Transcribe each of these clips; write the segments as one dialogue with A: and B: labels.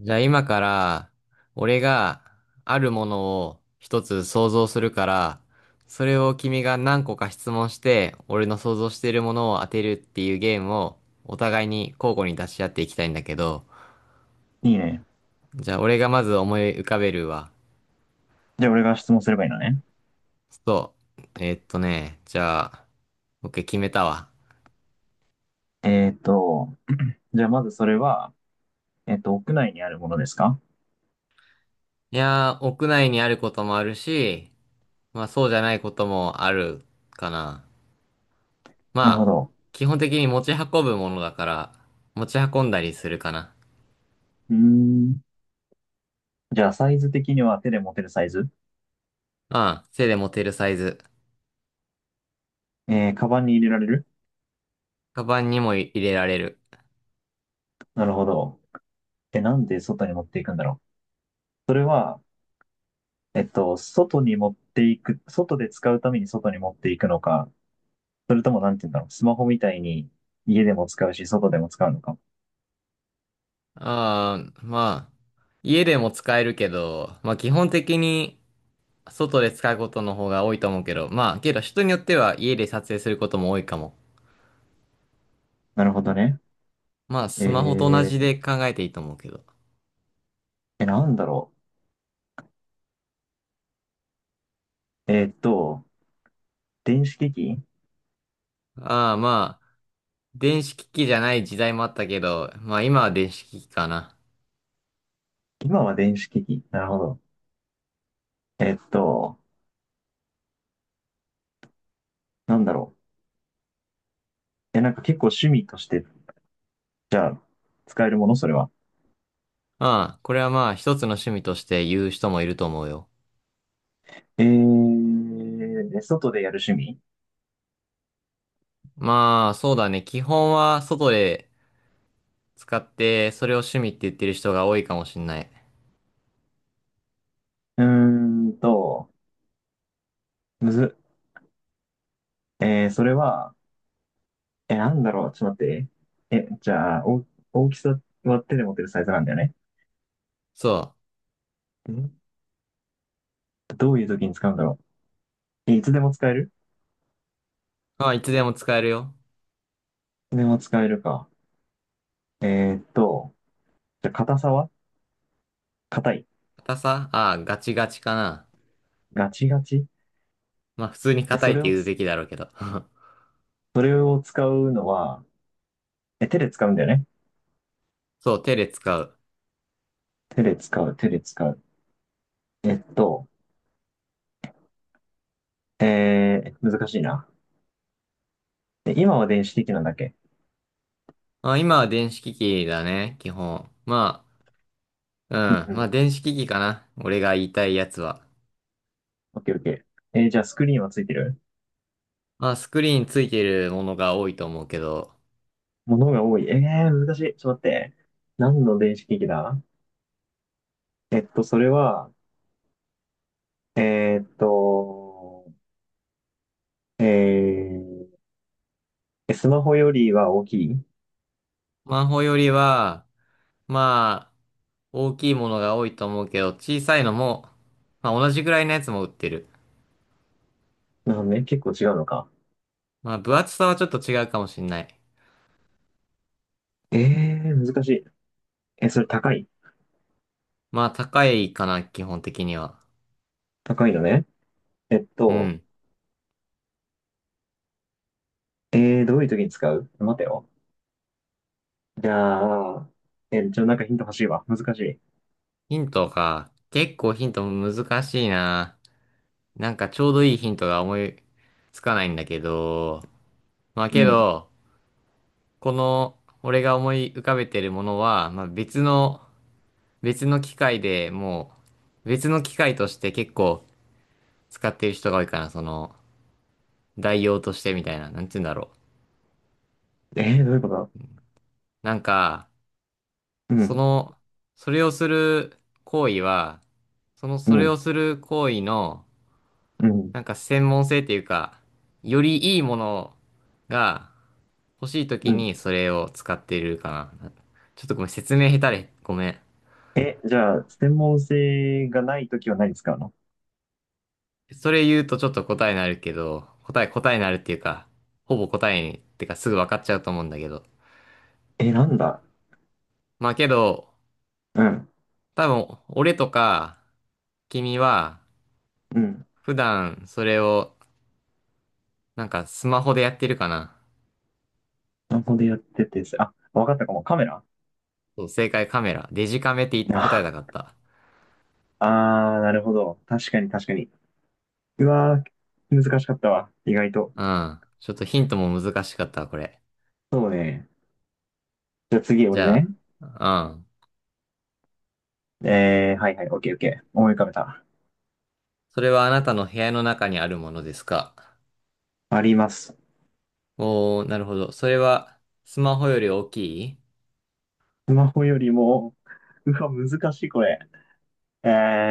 A: じゃあ今から、俺があるものを一つ想像するから、それを君が何個か質問して、俺の想像しているものを当てるっていうゲームをお互いに交互に出し合っていきたいんだけど、
B: いいね。
A: じゃあ俺がまず思い浮かべるわ。
B: じゃあ俺が質問すればいいのね。
A: そう。じゃあ、OK 決めたわ。
B: えーっと、じゃあまずそれは、屋内にあるものですか？
A: いやー、屋内にあることもあるし、まあそうじゃないこともあるかな。
B: なるほ
A: まあ、
B: ど。
A: 基本的に持ち運ぶものだから、持ち運んだりするかな。
B: うーん。じゃあサイズ的には手で持てるサイズ？
A: うん、手で持てるサイズ。
B: えー、カバンに入れられる？
A: カバンにも入れられる。
B: なるほど。え、なんで外に持っていくんだろう？それは、えっと、外に持っていく、外で使うために外に持っていくのか、それともなんて言うんだろう、スマホみたいに家でも使うし、外でも使うのか？
A: まあ、家でも使えるけど、まあ基本的に外で使うことの方が多いと思うけど、まあけど人によっては家で撮影することも多いかも。
B: なるほどね。
A: まあ
B: え
A: スマホと同じで
B: ー、
A: 考えていいと思うけど。
B: え、なんだろう。電子機器？
A: まあ、電子機器じゃない時代もあったけど、まあ今は電子機器かな。
B: 今は電子機器。なるほど。えっと、なんだろう。え、なんか結構趣味として、じゃあ、使えるものそれは？
A: ああ、これはまあ一つの趣味として言う人もいると思うよ。
B: えー、で外でやる趣味？
A: まあ、そうだね。基本は外で使って、それを趣味って言ってる人が多いかもしんない。
B: うーんと、むず、えー、それは、え、なんだろう。ちょっと待って。え、じゃあ、お、大きさは手で持てるサイズなんだよね？
A: そ
B: んどういう時に使うんだろう。え、いつでも使える？
A: う。まあ、いつでも使えるよ。
B: いつでも使えるか。えーっと、じゃあ、硬さは硬い？
A: 硬さガチガチかな。
B: ガチガチ。
A: まあ、普通に
B: え、
A: 硬い
B: そ
A: って
B: れを
A: 言う
B: つ、
A: べきだろうけど。
B: それを使うのは、え、手で使うんだよね？
A: そう、手で使う。
B: 手で使う、手で使う。えっと、えー、難しいな。え今は電子的なんだっけ？
A: まあ、今は電子機器だね、基本。ま
B: うん
A: あ、う
B: う
A: ん。まあ、
B: ん。
A: 電子機器かな。俺が言いたいやつは。
B: オッケーオッケー。えー、じゃあスクリーンはついてる？
A: まあ、スクリーンついてるものが多いと思うけど、
B: ものが多い。えー、難しい。ちょっと待って。何の電子機器だ？えっと、それは、えーっと、えー、えスマホよりは大きい？
A: スマホよりは、まあ、大きいものが多いと思うけど、小さいのも、まあ同じぐらいのやつも売ってる。
B: なるほどね。結構違うのか。
A: まあ分厚さはちょっと違うかもしんない。
B: えー、難しい。え、それ高い？
A: まあ高いかな、基本的には。
B: 高いのね。えっ
A: う
B: と、
A: ん。
B: えー、どういう時に使う待てよ。じゃあ、え、ちょ、なんかヒント欲しいわ。難しい。
A: ヒントか。結構ヒント難しいな。なんかちょうどいいヒントが思いつかないんだけど。まあ
B: う
A: け
B: ん。
A: ど、この俺が思い浮かべてるものは、まあ別の、別の機械で別の機械として結構使ってる人が多いかな。その、代用としてみたいな。なんて言うんだろう。
B: えー、どういうことだ？
A: なんか、
B: う
A: そ
B: ん、
A: の、それをする行為は、その、
B: う
A: それ
B: ん、
A: をする行為の、
B: うん、
A: なんか専門性っていうか、よりいいものが欲しい
B: う
A: 時
B: ん。
A: にそれを使ってるかな。ちょっとごめん、説明下手で、ごめん。
B: え、じゃあ、専門性がないときは何使うの？
A: それ言うとちょっと答えになるけど、答えになるっていうか、ほぼ答えに、ってかすぐ分かっちゃうと思うんだけど。
B: え、なんだ？
A: まあけど、
B: うん、
A: 多分、俺とか、君は、
B: うん。
A: 普段それを、なんかスマホでやってるかな。
B: スマホでやってて、あ、わかったかも。カメラ？
A: そう、正解カメラ。デジカメって答えた
B: あ
A: かった。
B: あー、なるほど。確かに確かに。うわー、難しかったわ。意外と。
A: うん。ちょっとヒントも難しかったわ、これ。
B: そうね。じゃあ次、
A: じ
B: 俺
A: ゃ
B: ね。
A: あ、うん。
B: えー、はいはい、オッケーオッケー。思い浮かべた。
A: それはあなたの部屋の中にあるものですか？
B: あります。
A: おー、なるほど。それは、スマホより大きい？
B: スマホよりも、うわ、難しい、これ。え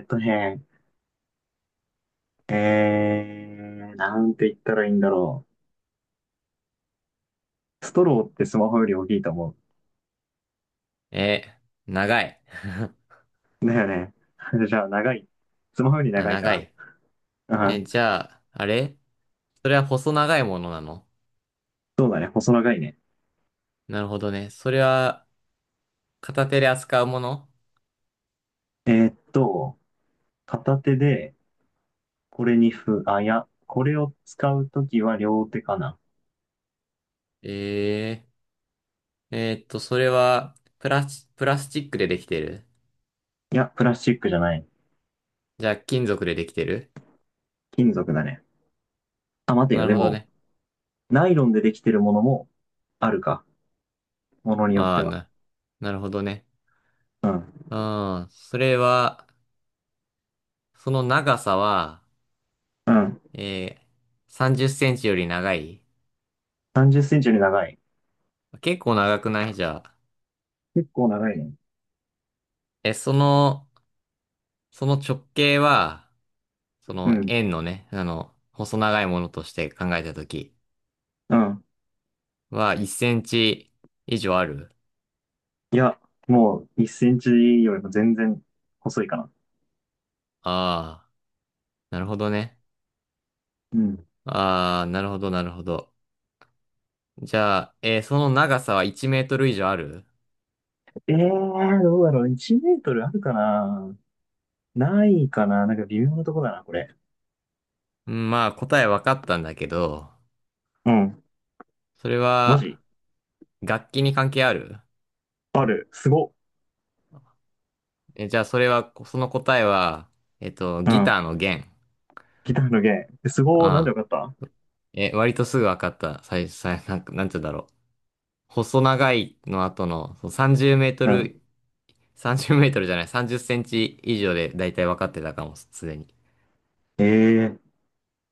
B: ーっとね、えー、なんて言ったらいいんだろう。ストローってスマホより大きいと思
A: え、長い。
B: う。だよね。じゃあ、長い。スマホより
A: あ、
B: 長いか
A: 長
B: な。
A: い。
B: うん。
A: え、じゃあ、あれ？それは細長いものなの？
B: そうだね。細長いね。
A: なるほどね。それは、片手で扱うもの？
B: えーっと、片手で、これにふ、あ、いや、これを使うときは両手かな。
A: えそれは、プラスチックでできてる？
B: いや、プラスチックじゃない。
A: じゃあ、金属でできてる？
B: 金属だね。あ、待て
A: な
B: よ。
A: る
B: で
A: ほど
B: も、
A: ね。
B: ナイロンでできてるものもあるか。ものによっ
A: あ
B: て
A: あ、
B: は。
A: な、なるほどね。
B: うん。
A: うん。それは、その長さは、
B: うん。
A: え30センチより長い？
B: 30センチより長い。
A: 結構長くないじゃあ。
B: 結構長いね。
A: え、その、その直径は、そ
B: う
A: の
B: ん。
A: 円のね、あの、細長いものとして考えたとき
B: うん。
A: は、1センチ以上ある？
B: いや、もう1センチよりも全然細いかな。
A: ああー、なるほどね。
B: うん。
A: ああ、なるほど、なるほど。じゃあ、えーその長さは1メートル以上ある？
B: ええー、どうだろう。1メートルあるかな？ないかな、なんか微妙なとこだな、これ。
A: うん、まあ、答え分かったんだけど、
B: うん。
A: それ
B: マ
A: は、
B: ジ？
A: 楽器に関係ある？
B: ある。すご。
A: え、じゃあそれは、その答えは、えっと、
B: う
A: ギ
B: ん。
A: ターの弦。
B: ギターの弦。えすごー。なんで
A: あ
B: よ
A: あ。
B: かった？
A: え、割とすぐ分かった。最初、最なんか、なんて言うんだろう。細長いの後の、そう30メート
B: う
A: ル、
B: ん。
A: 30メートルじゃない、30センチ以上でだいたい分かってたかも、すでに。
B: ええ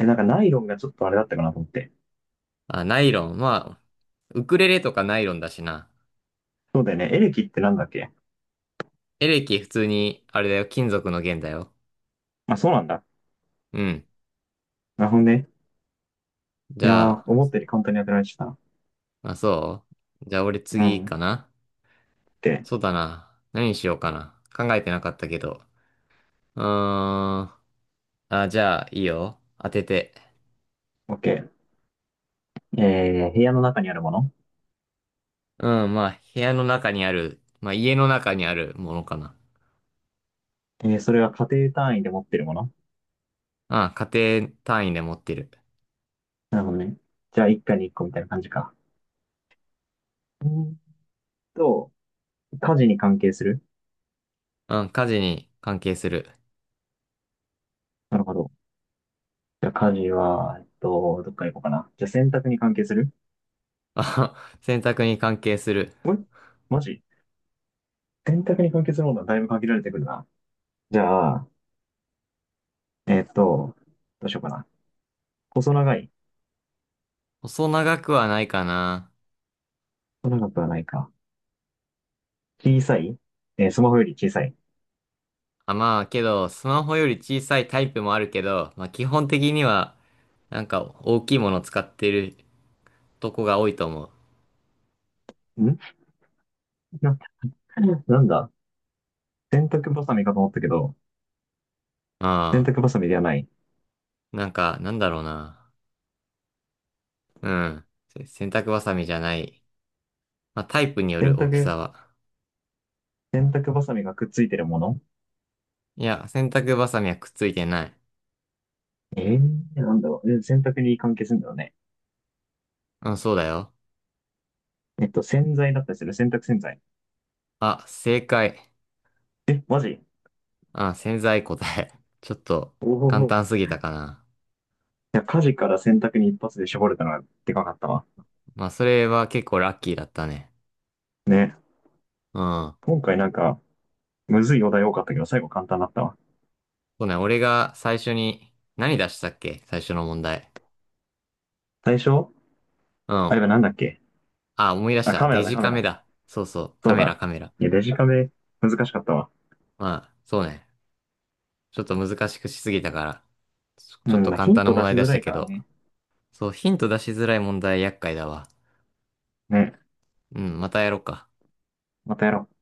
B: え、なんかナイロンがちょっとあれだったかなと思って。
A: あ、ナイロン。まあ、ウクレレとかナイロンだしな。
B: そうだよね。エレキってなんだっけ？
A: エレキ普通に、あれだよ、金属の弦だよ。
B: あ、そうなんだ。
A: うん。
B: なるほどね。
A: じ
B: いや
A: ゃ
B: ー、
A: あ、
B: 思ったより簡単に当てられてた。
A: まあ、そうじゃあ俺
B: う
A: 次
B: ん。
A: かな？
B: で、
A: そうだな。何にしようかな。考えてなかったけど。うーん。あ、じゃあ、いいよ。当てて。
B: OK。えー、部屋の中にあるもの。
A: うん、まあ、部屋の中にある、まあ、家の中にあるものかな。
B: えー、それは家庭単位で持ってるもの？
A: あ家庭単位で持ってる。
B: なるほどね。じゃあ、一家に一個みたいな感じか。うーんと、家事に関係する？
A: うん、家事に関係する。
B: なるほど。じゃあ、家事は、えっと、どっから行こうかな。じゃあ、洗濯に関係する？
A: あ、洗濯に関係する。
B: えマジ？洗濯に関係するものはだいぶ限られてくるな。じゃあ、えっと、どうしようかな。細長い？
A: 細長くはないかな。
B: 細長くはないか。小さい？えースマホより小さい。
A: あ、まあ、けど、スマホより小さいタイプもあるけど、まあ、基本的には、なんか、大きいもの使ってるとこが多いと思う。
B: んな、なんだ？洗濯バサミかと思ったけど、洗
A: あ
B: 濯バサミではない。
A: なんだろうな。うん。せ洗濯バサミじゃない。まあ、タイプによ
B: 洗
A: る大き
B: 濯、
A: さは。
B: 洗濯バサミがくっついてるもの？
A: いや、洗濯バサミはくっついてない。
B: えー、なんだろう。え洗濯に関係するんだよね？
A: うん、そうだよ。
B: えっと、洗剤だったりする、洗濯洗剤。
A: あ、正解。
B: え、マジ？
A: あ、潜在答え。ちょっと
B: お
A: 簡
B: おー、
A: 単
B: い
A: すぎたかな。
B: や、家事から洗濯に一発で絞れたのがでかかったわ。
A: まあ、それは結構ラッキーだったね。
B: ね。
A: うん。
B: 今回なんか、むずいお題多かったけど、最後簡単だったわ。
A: そうね、俺が最初に、何出したっけ最初の問題。
B: 最初
A: う
B: あ
A: ん。
B: れはなんだっけ？
A: あ、思い出し
B: あ、
A: た。
B: カメ
A: デ
B: ラだ、
A: ジ
B: カメ
A: カメ
B: ラ。
A: だ。そうそう。カ
B: そう
A: メラ、
B: だ。
A: カメラ。
B: いや、デジカメ、難しかったわ。
A: まあ、そうね。ちょっと難しくしすぎたから。ちょ
B: う
A: ちょっと
B: ん、
A: 簡
B: ヒン
A: 単な
B: ト
A: 問
B: 出
A: 題
B: し
A: 出
B: づ
A: し
B: ら
A: た
B: い
A: け
B: から
A: ど。
B: ね。
A: そう、ヒント出しづらい問題厄介だわ。
B: ね。
A: うん、またやろうか。
B: またやろう。